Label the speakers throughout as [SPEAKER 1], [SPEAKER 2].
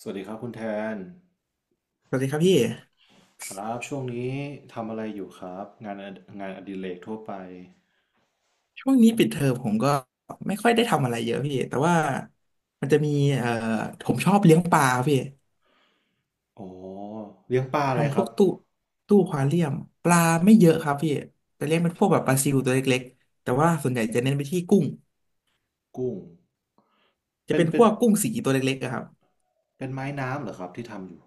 [SPEAKER 1] สวัสดีครับคุณแทน
[SPEAKER 2] สวัสดีครับพี่
[SPEAKER 1] ครับช่วงนี้ทำอะไรอยู่ครับงานองานอดิเรกทั่วไป
[SPEAKER 2] ช่วงนี้ปิดเทอมผมก็ไม่ค่อยได้ทำอะไรเยอะพี่แต่ว่ามันจะมีเอ่อผมชอบเลี้ยงปลาพี่
[SPEAKER 1] อ๋อเลี้ยงปลาอะไร
[SPEAKER 2] ทำ
[SPEAKER 1] ค
[SPEAKER 2] พ
[SPEAKER 1] รั
[SPEAKER 2] ว
[SPEAKER 1] บ
[SPEAKER 2] กตู้อควาเรียมปลาไม่เยอะครับพี่จะเลี้ยงเป็นพวกแบบปลาซิวตัวเล็กๆแต่ว่าส่วนใหญ่จะเน้นไปที่กุ้ง
[SPEAKER 1] กุ้ง
[SPEAKER 2] จะ
[SPEAKER 1] เป็น
[SPEAKER 2] เป็น
[SPEAKER 1] เป็
[SPEAKER 2] พ
[SPEAKER 1] น
[SPEAKER 2] วกกุ้งสีตัวเล็กๆอะครับ
[SPEAKER 1] เป็นไม้น้ำเหรอครับที่ทำอยู่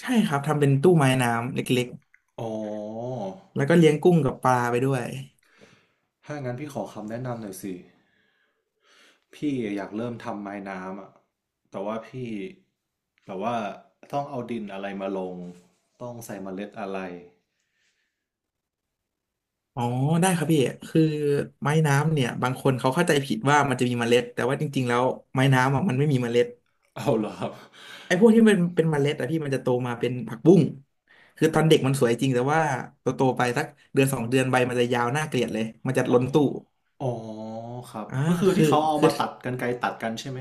[SPEAKER 2] ใช่ครับทำเป็นตู้ไม้น้ำเล็ก
[SPEAKER 1] อ๋อ
[SPEAKER 2] ๆแล้วก็เลี้ยงกุ้งกับปลาไปด้วย
[SPEAKER 1] ถ้างั้นพี่ขอคำแนะนำหน่อยสิพี่อยากเริ่มทำไม้น้ำอะแต่ว่าพี่แบบว่าต้องเอาดินอะไรมาลงต้องใส่เมล็ดอะไร
[SPEAKER 2] อ๋อได้ครับพี่คือไม้น้ำเนี่ยบางคนเขาเข้าใจผิดว่ามันจะมีเมล็ดแต่ว่าจริงๆแล้วไม้น้ำอะมันไม่มีเมล็ด
[SPEAKER 1] เอาเหรอครับ
[SPEAKER 2] ไอ้พวกที่มันเป็นเมล็ดอะพี่มันจะโตมาเป็นผักบุ้งคือตอนเด็กมันสวยจริงแต่ว่าโตโตไปสักเดือนสองเดือนใบมันจะยาวน่าเกลียดเลยมันจะล้นตู้
[SPEAKER 1] อ๋อครับ
[SPEAKER 2] อ่า
[SPEAKER 1] ก็คือ
[SPEAKER 2] คื
[SPEAKER 1] ที่
[SPEAKER 2] อ
[SPEAKER 1] เขาเอา
[SPEAKER 2] คือ
[SPEAKER 1] มาตัดกรรไกรตัดกันใช่ไหม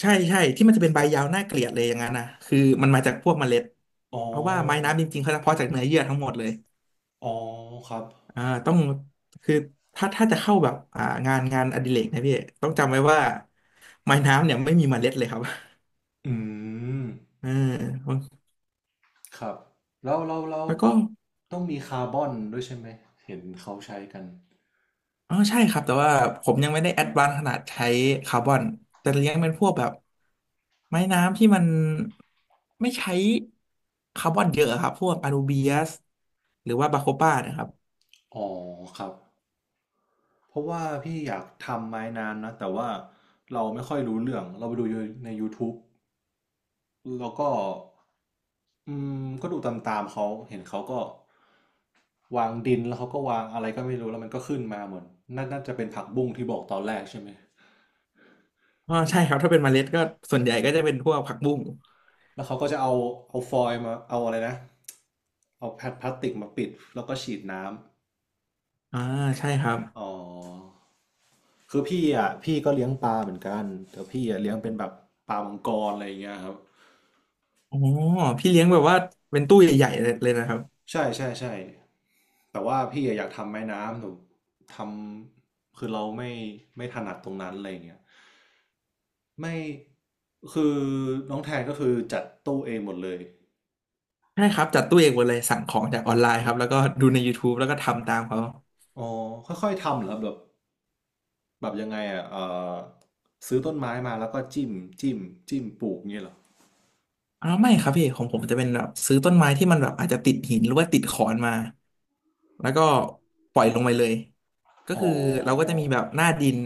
[SPEAKER 2] ใช่ใช่ที่มันจะเป็นใบยาวน่าเกลียดเลยอย่างนั้นนะคือมันมาจากพวกเมล็ด
[SPEAKER 1] อ๋อ
[SPEAKER 2] เพราะว่าไม้
[SPEAKER 1] ครับ
[SPEAKER 2] น้ำจริงๆเขาจะเพาะจากเนื้อเยื่อทั้งหมดเลย
[SPEAKER 1] อ๋อครับ
[SPEAKER 2] ต้องคือถ้าจะเข้าแบบงานอดิเรกนะพี่ต้องจำไว้ว่าไม้น้ำเนี่ยไม่มีเมล็ดเลยครับ
[SPEAKER 1] อืม
[SPEAKER 2] เออ
[SPEAKER 1] ครับแล้ว
[SPEAKER 2] แล้วก็
[SPEAKER 1] ต้องมีคาร์บอนด้วยใช่ไหมเห็นเขาใช้กัน
[SPEAKER 2] อ๋อใช่ครับแต่ว่าผมยังไม่ได้แอดวานซ์ขนาดใช้คาร์บอนแต่เลี้ยงเป็นพวกแบบไม้น้ำที่มันไม่ใช้คาร์บอนเยอะครับพวกอนูเบียสหรือว่าบาโคป้านะครับ
[SPEAKER 1] อ๋อครับเพราะว่าพี่อยากทำไม้น้ำนะแต่ว่าเราไม่ค่อยรู้เรื่องเราไปดูในยูท t บ b e แล้วก็อืมก็ดูตามๆเขาเห็นเขาก็วางดินแล้วเขาก็วางอะไรก็ไม่รู้แล้วมันก็ขึ้นมาเหมือนน่าน่าจะเป็นผักบุ้งที่บอกตอนแรกใช่ไหม
[SPEAKER 2] อ๋อใช่ครับถ้าเป็นเมล็ดก็ส่วนใหญ่ก็จะเป็นพวกผักบุ้ง
[SPEAKER 1] แล้วเขาก็จะเอาเอาฟอยล์มาเอาอะไรนะเอาแพดพลาสติกมาปิดแล้วก็ฉีดน้ำ
[SPEAKER 2] อ่าใช่ครับ
[SPEAKER 1] อ๋อคือพี่อ่ะพี่ก็เลี้ยงปลาเหมือนกันแต่พี่อ่ะเลี้ยงเป็นแบบปลามังกรอะไรอย่างเงี้ยครับ
[SPEAKER 2] อ๋อพี่เลี้ยงแบบว่าเป็นตู้ใหญ่ๆเลยนะครับ
[SPEAKER 1] ใช่ใช่ใช่แต่ว่าพี่อะอยากทำไม้น้ำหนูทำคือเราไม่ถนัดตรงนั้นอะไรอย่างเงี้ยไม่คือน้องแทนก็คือจัดตู้เองหมดเลย
[SPEAKER 2] ใช่ครับจัดตู้เองหมดเลยสั่งของจากออนไลน์ครับแล้วก็ดูใน YouTube แล้วก็ทำตามเขา
[SPEAKER 1] อ๋อค่อยๆทำเหรอครับแบบ แบบยังไงอ่ะอซื้อต้นไม้มาแล้วก็จิ้มจิ้มจิ้มปลูกเงี้ยเหรอ
[SPEAKER 2] อ่าไม่ครับพี่ของผมจะเป็นแบบซื้อต้นไม้ที่มันแบบอาจจะติดหินหรือว่าติดขอนมาแล้วก็ปล่อยลงไปเลยก็
[SPEAKER 1] อ๋
[SPEAKER 2] คือเราก็
[SPEAKER 1] อ
[SPEAKER 2] จะมีแบบหน้าดิน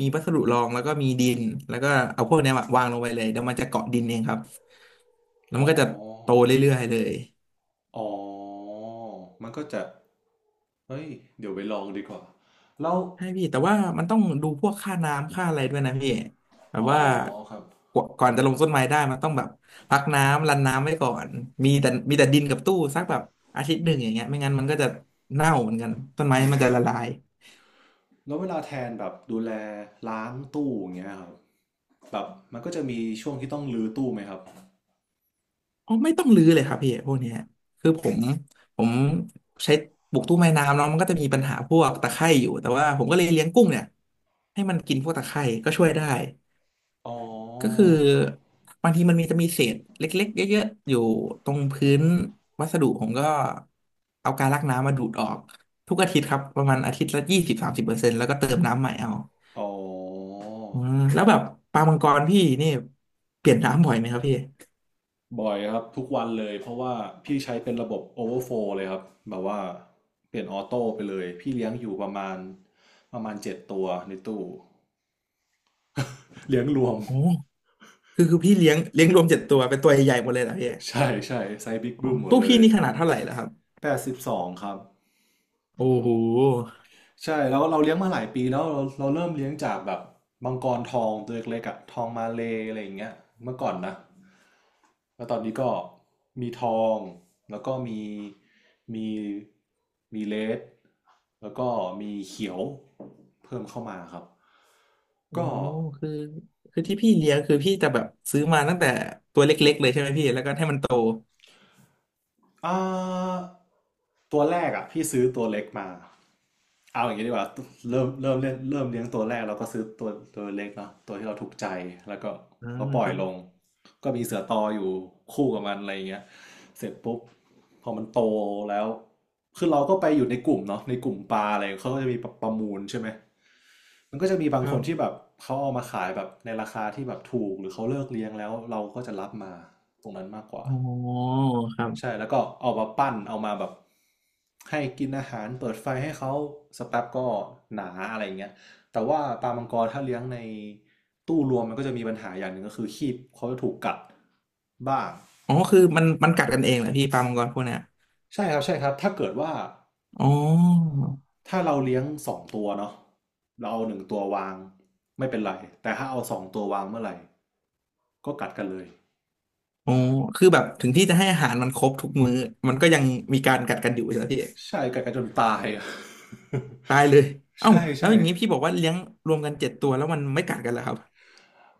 [SPEAKER 2] มีวัสดุรองแล้วก็มีดินแล้วก็เอาพวกเนี้ยวางลงไปเลยเดี๋ยวมันจะเกาะดินเองครับแล้ว
[SPEAKER 1] อ๋อ
[SPEAKER 2] มันก็จะโตเรื่อยๆเลย
[SPEAKER 1] อ๋อมันก็จะเฮ้ยเดี๋ยวไปลองดีกว่าแล้ว
[SPEAKER 2] ใช่พี่แต่ว่ามันต้องดูพวกค่าน้ำค่าอะไรด้วยนะพี่แบบ
[SPEAKER 1] อ๋อ
[SPEAKER 2] ว่า
[SPEAKER 1] ครับ
[SPEAKER 2] กว่าก่อนจะลงต้นไม้ได้มันต้องแบบพักน้ำรันน้ำไว้ก่อนมีแต่ดินกับตู้สักแบบอาทิตย์หนึ่งอย่างเงี้ยไม่งั้นมันก็จะเน่าเหมือนกันต้นไม้
[SPEAKER 1] อื
[SPEAKER 2] มันจะ
[SPEAKER 1] ม
[SPEAKER 2] ละลาย
[SPEAKER 1] แล้วเวลาแทนแบบดูแลล้างตู้อย่างเงี้ยครับแบบมันก็จะมีช่วงที่ต้องรื้อตู้ไหมครับ
[SPEAKER 2] อ๋อไม่ต้องรื้อเลยครับพี่พวกเนี้ยคือผมใช้ปลูกตู้ไม้น้ำเนาะมันก็จะมีปัญหาพวกตะไคร่อยู่แต่ว่าผมก็เลยเลี้ยงกุ้งเนี่ยให้มันกินพวกตะไคร่ก็ช่วยได้
[SPEAKER 1] อ๋อ
[SPEAKER 2] ก็คือบางทีมันมีจะมีเศษเล็กๆเยอะๆอยู่ตรงพื้นวัสดุผมก็เอากาลักน้ำมาดูดออกทุกอาทิตย์ครับประมาณอาทิตย์ละ20-30%แล้วก็เติมน้ำใหม่เอา
[SPEAKER 1] อ๋อ
[SPEAKER 2] อืมแล้วแบบปลามังกรพี่นี่เปลี่ยนน้ำบ่อยไหมครับพี่
[SPEAKER 1] บ่อยครับทุกวันเลยเพราะว่าพี่ใช้เป็นระบบ Overflow เลยครับแบบว่าเปลี่ยนออโต้ไปเลยพี่เลี้ยงอยู่ประมาณเจ็ดตัวในตู้เลี้ยงรวม
[SPEAKER 2] โอ้คือพี่เลี้ยงรวมเจ็ดตัวเป็นตัวใหญ่ๆหมดเลยเหรอพี่
[SPEAKER 1] ใช่ใช่ไซส์บิ๊ก
[SPEAKER 2] อ๋อ
[SPEAKER 1] บึ้มหมด
[SPEAKER 2] ตู้
[SPEAKER 1] เล
[SPEAKER 2] พี่
[SPEAKER 1] ย
[SPEAKER 2] นี่ขนาดเท่าไหร่แล้วครับ
[SPEAKER 1] 82ครับ
[SPEAKER 2] โอ้โห
[SPEAKER 1] ใช่แล้วเราเลี้ยงมาหลายปีแล้วเราเริ่มเลี้ยงจากแบบมังกรทองตัวเล็กๆอะทองมาเลย์อะไรอย่างเงี้ยเมื่อก่อนนะแล้วตอนนี้ก็มีทองแล้วก็มีมีเลดแล้วก็มีเขียวเพิ่มเข้ามาครับ
[SPEAKER 2] โอ้
[SPEAKER 1] ก็
[SPEAKER 2] คือคือที่พี่เลี้ยงคือพี่จะแบบซื้อมาตั้งแต่ตัวเล็กๆเลยใช่ไหมพี่แล้วก็ให้มันโต
[SPEAKER 1] อ่าตัวแรกอ่ะพี่ซื้อตัวเล็กมาเอาอย่างนี้ดีกว่าเริ่มเลี้ยงตัวแรกเราก็ซื้อตัวตัวเล็กเนาะตัวที่เราถูกใจแล้วก็
[SPEAKER 2] อ่า
[SPEAKER 1] เราปล่
[SPEAKER 2] ค
[SPEAKER 1] อย
[SPEAKER 2] รับ
[SPEAKER 1] ลงก็มีเสือตออยู่คู่กับมันอะไรอย่างเงี้ยเสร็จปุ๊บพอมันโตแล้วคือเราก็ไปอยู่ในกลุ่มเนาะในกลุ่มปลาอะไรเขาก็จะมีประมูลใช่ไหม มันก็จะมีบา
[SPEAKER 2] ค
[SPEAKER 1] งค
[SPEAKER 2] รั
[SPEAKER 1] นที่แบ
[SPEAKER 2] บ
[SPEAKER 1] บเขาเอามาขายแบบในราคาที่แบบถูกหรือเขาเลิกเลี้ยงแล้วเราก็จะรับมาตรงนั้นมากกว่า
[SPEAKER 2] อ๋อครับ
[SPEAKER 1] ใช่แล้วก็เอามาปั้นเอามาแบบให้กินอาหารเปิดไฟให้เขาสกแป๊บก็หนาอะไรอย่างเงี้ยแต่ว่าปลามังกรถ้าเลี้ยงในตู้รวมมันก็จะมีปัญหาอย่างหนึ่งก็คือคีบเขาจะถูกกัดบ้าง
[SPEAKER 2] อ๋อคือมันกัดกันเองแหละพี่ปลามังกรพวกเนี้ย
[SPEAKER 1] ใช่ครับใช่ครับถ้าเกิดว่า
[SPEAKER 2] อ๋อ
[SPEAKER 1] ถ้าเราเลี้ยงสองตัวเนาะเราเอา1 ตัววางไม่เป็นไรแต่ถ้าเอาสองตัววางเมื่อไหร่ ก็กัดกันเลย
[SPEAKER 2] อ๋อคือแบบถึงที่จะให้อาหารมันครบทุกมื้อมันก็ยังมีการกัดกันอยู่ใช่ไหมพี่
[SPEAKER 1] ใช่กัดกันจนตายอะ
[SPEAKER 2] ตายเลย เอ้า
[SPEAKER 1] ใช่
[SPEAKER 2] แล้ว
[SPEAKER 1] ใช่
[SPEAKER 2] อย่างนี้พี่บอกว่าเลี้ยงรวมกันเจ็ดตัวแล้วมันไม่กัดกันเหรอครับ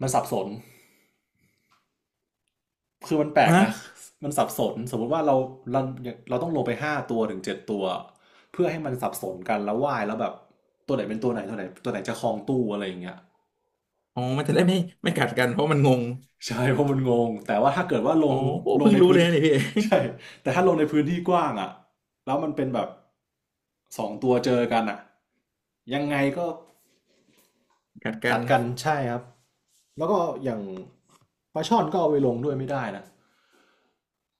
[SPEAKER 1] มันสับสนคือมันแปลก
[SPEAKER 2] ฮะ
[SPEAKER 1] นะมันสับสนสมมติว่าเราเราต้องลงไป5 ตัวถึง 7 ตัวเพื่อให้มันสับสนกันแล้วว่ายแล้วแบบตัวไหนเป็นตัวไหนตัวไหนตัวไหนจะครองตู้อะไรอย่างเงี้ย
[SPEAKER 2] อ๋อมันจะได้ไม่กัดกันเพราะมันงง
[SPEAKER 1] ใช่เพราะมันงงแต่ว่าถ้าเกิดว่าล
[SPEAKER 2] อ๋อ
[SPEAKER 1] ง
[SPEAKER 2] โอ้
[SPEAKER 1] ลง
[SPEAKER 2] เพิ่ง
[SPEAKER 1] ใน
[SPEAKER 2] รู้
[SPEAKER 1] พื้
[SPEAKER 2] เล
[SPEAKER 1] น
[SPEAKER 2] ยนะเนี่ยพี่
[SPEAKER 1] ใช่แต่ถ้าลงในพื้นที่กว้างอ่ะแล้วมันเป็นแบบสองตัวเจอกันอ่ะยังไงก็
[SPEAKER 2] กัดกั
[SPEAKER 1] กั
[SPEAKER 2] น
[SPEAKER 1] ดกันใช่ครับแล้วก็อย่างปลาช่อนก็เอาไปลงด้วยไม่ได้นะ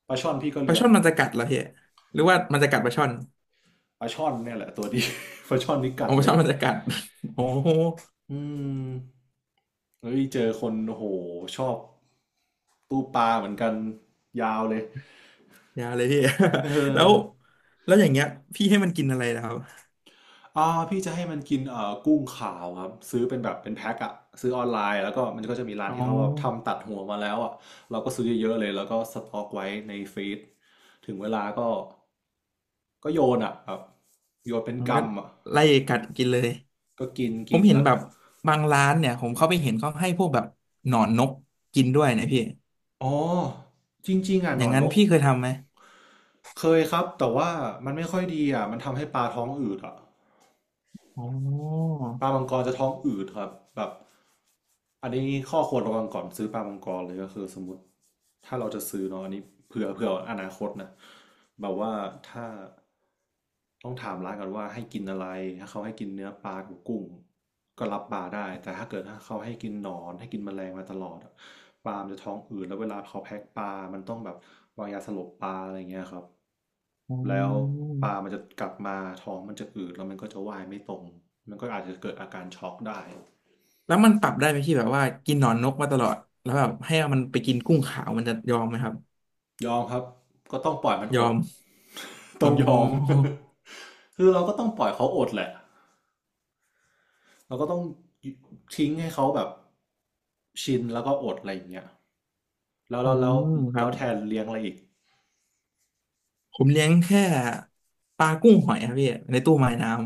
[SPEAKER 1] ปลาช่อนพี่ก็
[SPEAKER 2] ปลา
[SPEAKER 1] เลี้ยง
[SPEAKER 2] ช่อนมันจะกัดเหรอพี่หรือว่ามันจะกัดปลาช่อน
[SPEAKER 1] ปลาช่อนเนี่ยแหละตัวดี ปลาช่อนนี่กั
[SPEAKER 2] อ๋
[SPEAKER 1] ด
[SPEAKER 2] อปลา
[SPEAKER 1] เล
[SPEAKER 2] ช่อ
[SPEAKER 1] ย
[SPEAKER 2] นมันจะกัด โอ้
[SPEAKER 1] อืมเฮ้ยเจอคนโอ้โหชอบตู้ปลาเหมือนกันยาวเลย
[SPEAKER 2] ยาเลยพี่
[SPEAKER 1] เอ
[SPEAKER 2] แล้
[SPEAKER 1] อ
[SPEAKER 2] วแล้วอย่างเงี้ยพี่ให้มันกินอะไรนะครับ
[SPEAKER 1] อ่าพี่จะให้มันกินกุ้งขาวครับซื้อเป็นแบบเป็นแพ็คอะซื้อออนไลน์แล้วก็มันก็จะมีร้าน
[SPEAKER 2] อ๋
[SPEAKER 1] ที่
[SPEAKER 2] อ
[SPEAKER 1] เขาแบบทำตัดหัวมาแล้วอะเราก็ซื้อเยอะๆเลยแล้วก็สต็อกไว้ในฟรีซถึงเวลาก็ ก็โยนอ่ะแบบโยนเป็น
[SPEAKER 2] มัน
[SPEAKER 1] กรร
[SPEAKER 2] ก็
[SPEAKER 1] มอ่ะ
[SPEAKER 2] ไล่กัดกินเลย
[SPEAKER 1] ก็กิน
[SPEAKER 2] ผ
[SPEAKER 1] กิ
[SPEAKER 2] ม
[SPEAKER 1] น
[SPEAKER 2] เห็น
[SPEAKER 1] แล้ว
[SPEAKER 2] แบ
[SPEAKER 1] ก็
[SPEAKER 2] บบางร้านเนี่ยผมเข้าไปเห็นเขาให้พวกแบบหนอนนกกินด้วยนะพี่
[SPEAKER 1] อ๋อจริงๆอ่ะ
[SPEAKER 2] อ
[SPEAKER 1] หน
[SPEAKER 2] ย่า
[SPEAKER 1] อ
[SPEAKER 2] ง
[SPEAKER 1] น
[SPEAKER 2] นั้
[SPEAKER 1] น
[SPEAKER 2] น
[SPEAKER 1] ก
[SPEAKER 2] พี่เคยทำไหม
[SPEAKER 1] เคยครับแต่ว่ามันไม่ค่อยดีอ่ะมันทำให้ปลาท้องอืดอ่ะ
[SPEAKER 2] อ๋อ
[SPEAKER 1] ปลามังกรจะท้องอืดครับแบบอันนี้ข้อควรระวังก่อนซื้อปลามังกรเลยก็คือสมมติถ้าเราจะซื้อเนาะอันนี้เผื่ออนาคตนะแบบว่าถ้าต้องถามร้านก่อนว่าให้กินอะไรถ้าเขาให้กินเนื้อปลากับกุ้งก็รับปลาได้แต่ถ้าเขาให้กินหนอนให้กินแมลงมาตลอดอะปลามันจะท้องอืดแล้วเวลาเขาแพ็คปลามันต้องแบบวางยาสลบปลาอะไรเงี้ยครับ
[SPEAKER 2] อ๋
[SPEAKER 1] แล้ว
[SPEAKER 2] อ
[SPEAKER 1] ปลามันจะกลับมาท้องมันจะอืดแล้วมันก็จะว่ายไม่ตรงมันก็อาจจะเกิดอาการช็อกได้
[SPEAKER 2] แล้วมันปรับได้ไหมพี่แบบว่ากินหนอนนกมาตลอดแล้วแบบให้มันไปกินกุ้งขาวมันจะยอมไหมครับ
[SPEAKER 1] ยอมครับก็ต้องปล่อยมัน
[SPEAKER 2] ย
[SPEAKER 1] อ
[SPEAKER 2] อ
[SPEAKER 1] ด
[SPEAKER 2] ม
[SPEAKER 1] ต้
[SPEAKER 2] อ๋
[SPEAKER 1] องยอม
[SPEAKER 2] อ
[SPEAKER 1] คือเราก็ต้องปล่อยเขาอดแหละ เราก็ต้องทิ้งให้เขาแบบชินแล้วก็อดอะไรอย่างเงี้ยแล้ว
[SPEAKER 2] อื
[SPEAKER 1] แล้วแล้ว
[SPEAKER 2] มครั
[SPEAKER 1] แล้
[SPEAKER 2] บ
[SPEAKER 1] วแทนเลี้ยงอะไรอีก
[SPEAKER 2] ผมเลี้ยงแค่ปลากุ้งหอยครับพี่ในตู้ไม้น้ำ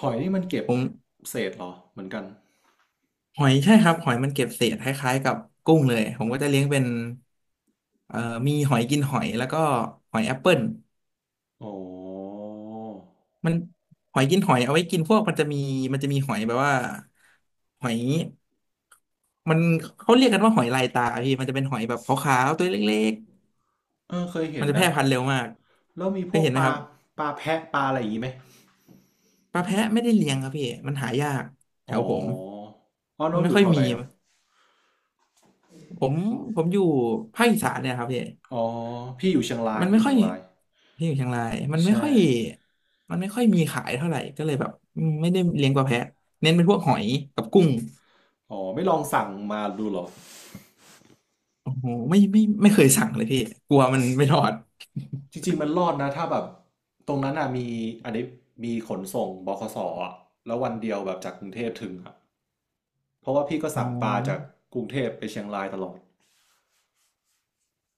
[SPEAKER 1] หอยนี่มันเก็บ
[SPEAKER 2] ผม
[SPEAKER 1] เศษเหรอเหมือนกัน
[SPEAKER 2] หอยใช่ครับหอยมันเก็บเศษคล้ายๆกับกุ้งเลยผมก็จะเลี้ยงเป็นเอ่อมีหอยกินหอยแล้วก็หอยแอปเปิล
[SPEAKER 1] อ๋อ
[SPEAKER 2] มันหอยกินหอยเอาไว้กินพวกมันจะมีหอยแบบว่าหอยมันเขาเรียกกันว่าหอยลายตาพี่มันจะเป็นหอยแบบขาวๆตัวเล็ก
[SPEAKER 1] เออเคย
[SPEAKER 2] ๆ
[SPEAKER 1] เห็
[SPEAKER 2] มั
[SPEAKER 1] น
[SPEAKER 2] นจะแพ
[SPEAKER 1] นะ
[SPEAKER 2] ร่พันธุ์เร็วมาก
[SPEAKER 1] แล้วมี
[SPEAKER 2] เค
[SPEAKER 1] พว
[SPEAKER 2] ย
[SPEAKER 1] ก
[SPEAKER 2] เห็นไห
[SPEAKER 1] ป
[SPEAKER 2] มค
[SPEAKER 1] ลา
[SPEAKER 2] รับ
[SPEAKER 1] ปลาแพะปลาอะไรอย่างงี้ไหม
[SPEAKER 2] ปลาแพะไม่ได้เลี้ยงครับพี่มันหายากแถ
[SPEAKER 1] อ๋อ
[SPEAKER 2] วผม
[SPEAKER 1] อ๋อ
[SPEAKER 2] มั
[SPEAKER 1] น้อ
[SPEAKER 2] น
[SPEAKER 1] ง
[SPEAKER 2] ไม่
[SPEAKER 1] อยู่
[SPEAKER 2] ค่อ
[SPEAKER 1] แถ
[SPEAKER 2] ย
[SPEAKER 1] วไห
[SPEAKER 2] มี
[SPEAKER 1] นครับ
[SPEAKER 2] ผมผมอยู่ภาคอีสานเนี่ยครับพี่
[SPEAKER 1] อ๋อ พี่อยู่เชียงราย
[SPEAKER 2] มัน
[SPEAKER 1] พี่อ
[SPEAKER 2] ไม่
[SPEAKER 1] ยู่
[SPEAKER 2] ค่
[SPEAKER 1] เชี
[SPEAKER 2] อ
[SPEAKER 1] ย
[SPEAKER 2] ย
[SPEAKER 1] งราย
[SPEAKER 2] ที่อยู่เชียงรายมันไม่
[SPEAKER 1] ใช่
[SPEAKER 2] ค่อยมันไม่ค่อยมีขายเท่าไหร่ก็เลยแบบอืมไม่ได้เลี้ยงปลาแพะเน้นเป็นพวกหอยกับกุ้ง
[SPEAKER 1] อ๋อไม่ลองสั่งมาดูเหรอ
[SPEAKER 2] โอ้โหไม่เคยสั่งเลยพี่กลัวมันไม่ทอด
[SPEAKER 1] จริงๆมันรอดนะถ้าแบบตรงนั้นอ่ะมีอันนี้มีขนส่งบขสอ่ะแล้ววันเดียวแบบจากกรุงเทพถึงอ่ะเพราะว่าพี่ก็
[SPEAKER 2] อ๋อ
[SPEAKER 1] สั่งปลาจากกรุงเทพไปเชียงรายตลอด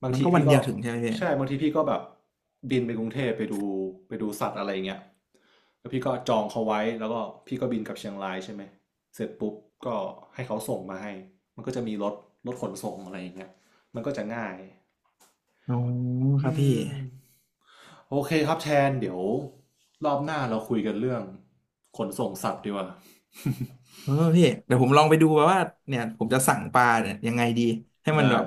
[SPEAKER 1] บาง
[SPEAKER 2] มัน
[SPEAKER 1] ที
[SPEAKER 2] ก็วั
[SPEAKER 1] พี่
[SPEAKER 2] นเดี
[SPEAKER 1] ก็
[SPEAKER 2] ยวถึงใช่ไหมพี่
[SPEAKER 1] ใช่บางทีพี่ก็แบบบินไปกรุงเทพไปดูสัตว์อะไรเงี้ยแล้วพี่ก็จองเขาไว้แล้วก็พี่ก็บินกลับเชียงรายใช่ไหมเสร็จปุ๊บก็ให้เขาส่งมาให้มันก็จะมีรถขนส่งอะไรอย่างเงี้ยมันก็จะง่าย
[SPEAKER 2] อ๋อค
[SPEAKER 1] อื
[SPEAKER 2] รับพี่
[SPEAKER 1] มโอเคครับแทนเดี๋ยวรอบหน้าเราคุยกันเรื่องขนส่งสัตว์ดีกว่า
[SPEAKER 2] เออพี่เดี๋ยวผมลองไปดูว่าเนี่ยผมจะสั่งปลาเนี่ยยังไงดีให้มัน
[SPEAKER 1] ได้
[SPEAKER 2] แบบ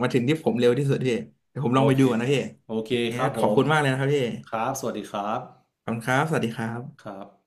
[SPEAKER 2] มาถึงที่ผมเร็วที่สุดพี่เดี๋ยวผมล
[SPEAKER 1] โอ
[SPEAKER 2] องไป
[SPEAKER 1] เค
[SPEAKER 2] ดูก่อน
[SPEAKER 1] ค
[SPEAKER 2] นะ
[SPEAKER 1] รับ
[SPEAKER 2] พี่
[SPEAKER 1] โอเคครั
[SPEAKER 2] งั้
[SPEAKER 1] บ
[SPEAKER 2] น
[SPEAKER 1] ผ
[SPEAKER 2] ขอบ
[SPEAKER 1] ม
[SPEAKER 2] คุณมากเลยนะครับพี่
[SPEAKER 1] ครับสวัสดีครับ
[SPEAKER 2] ขอบคุณครับสวัสดีครั
[SPEAKER 1] ค
[SPEAKER 2] บ
[SPEAKER 1] รับ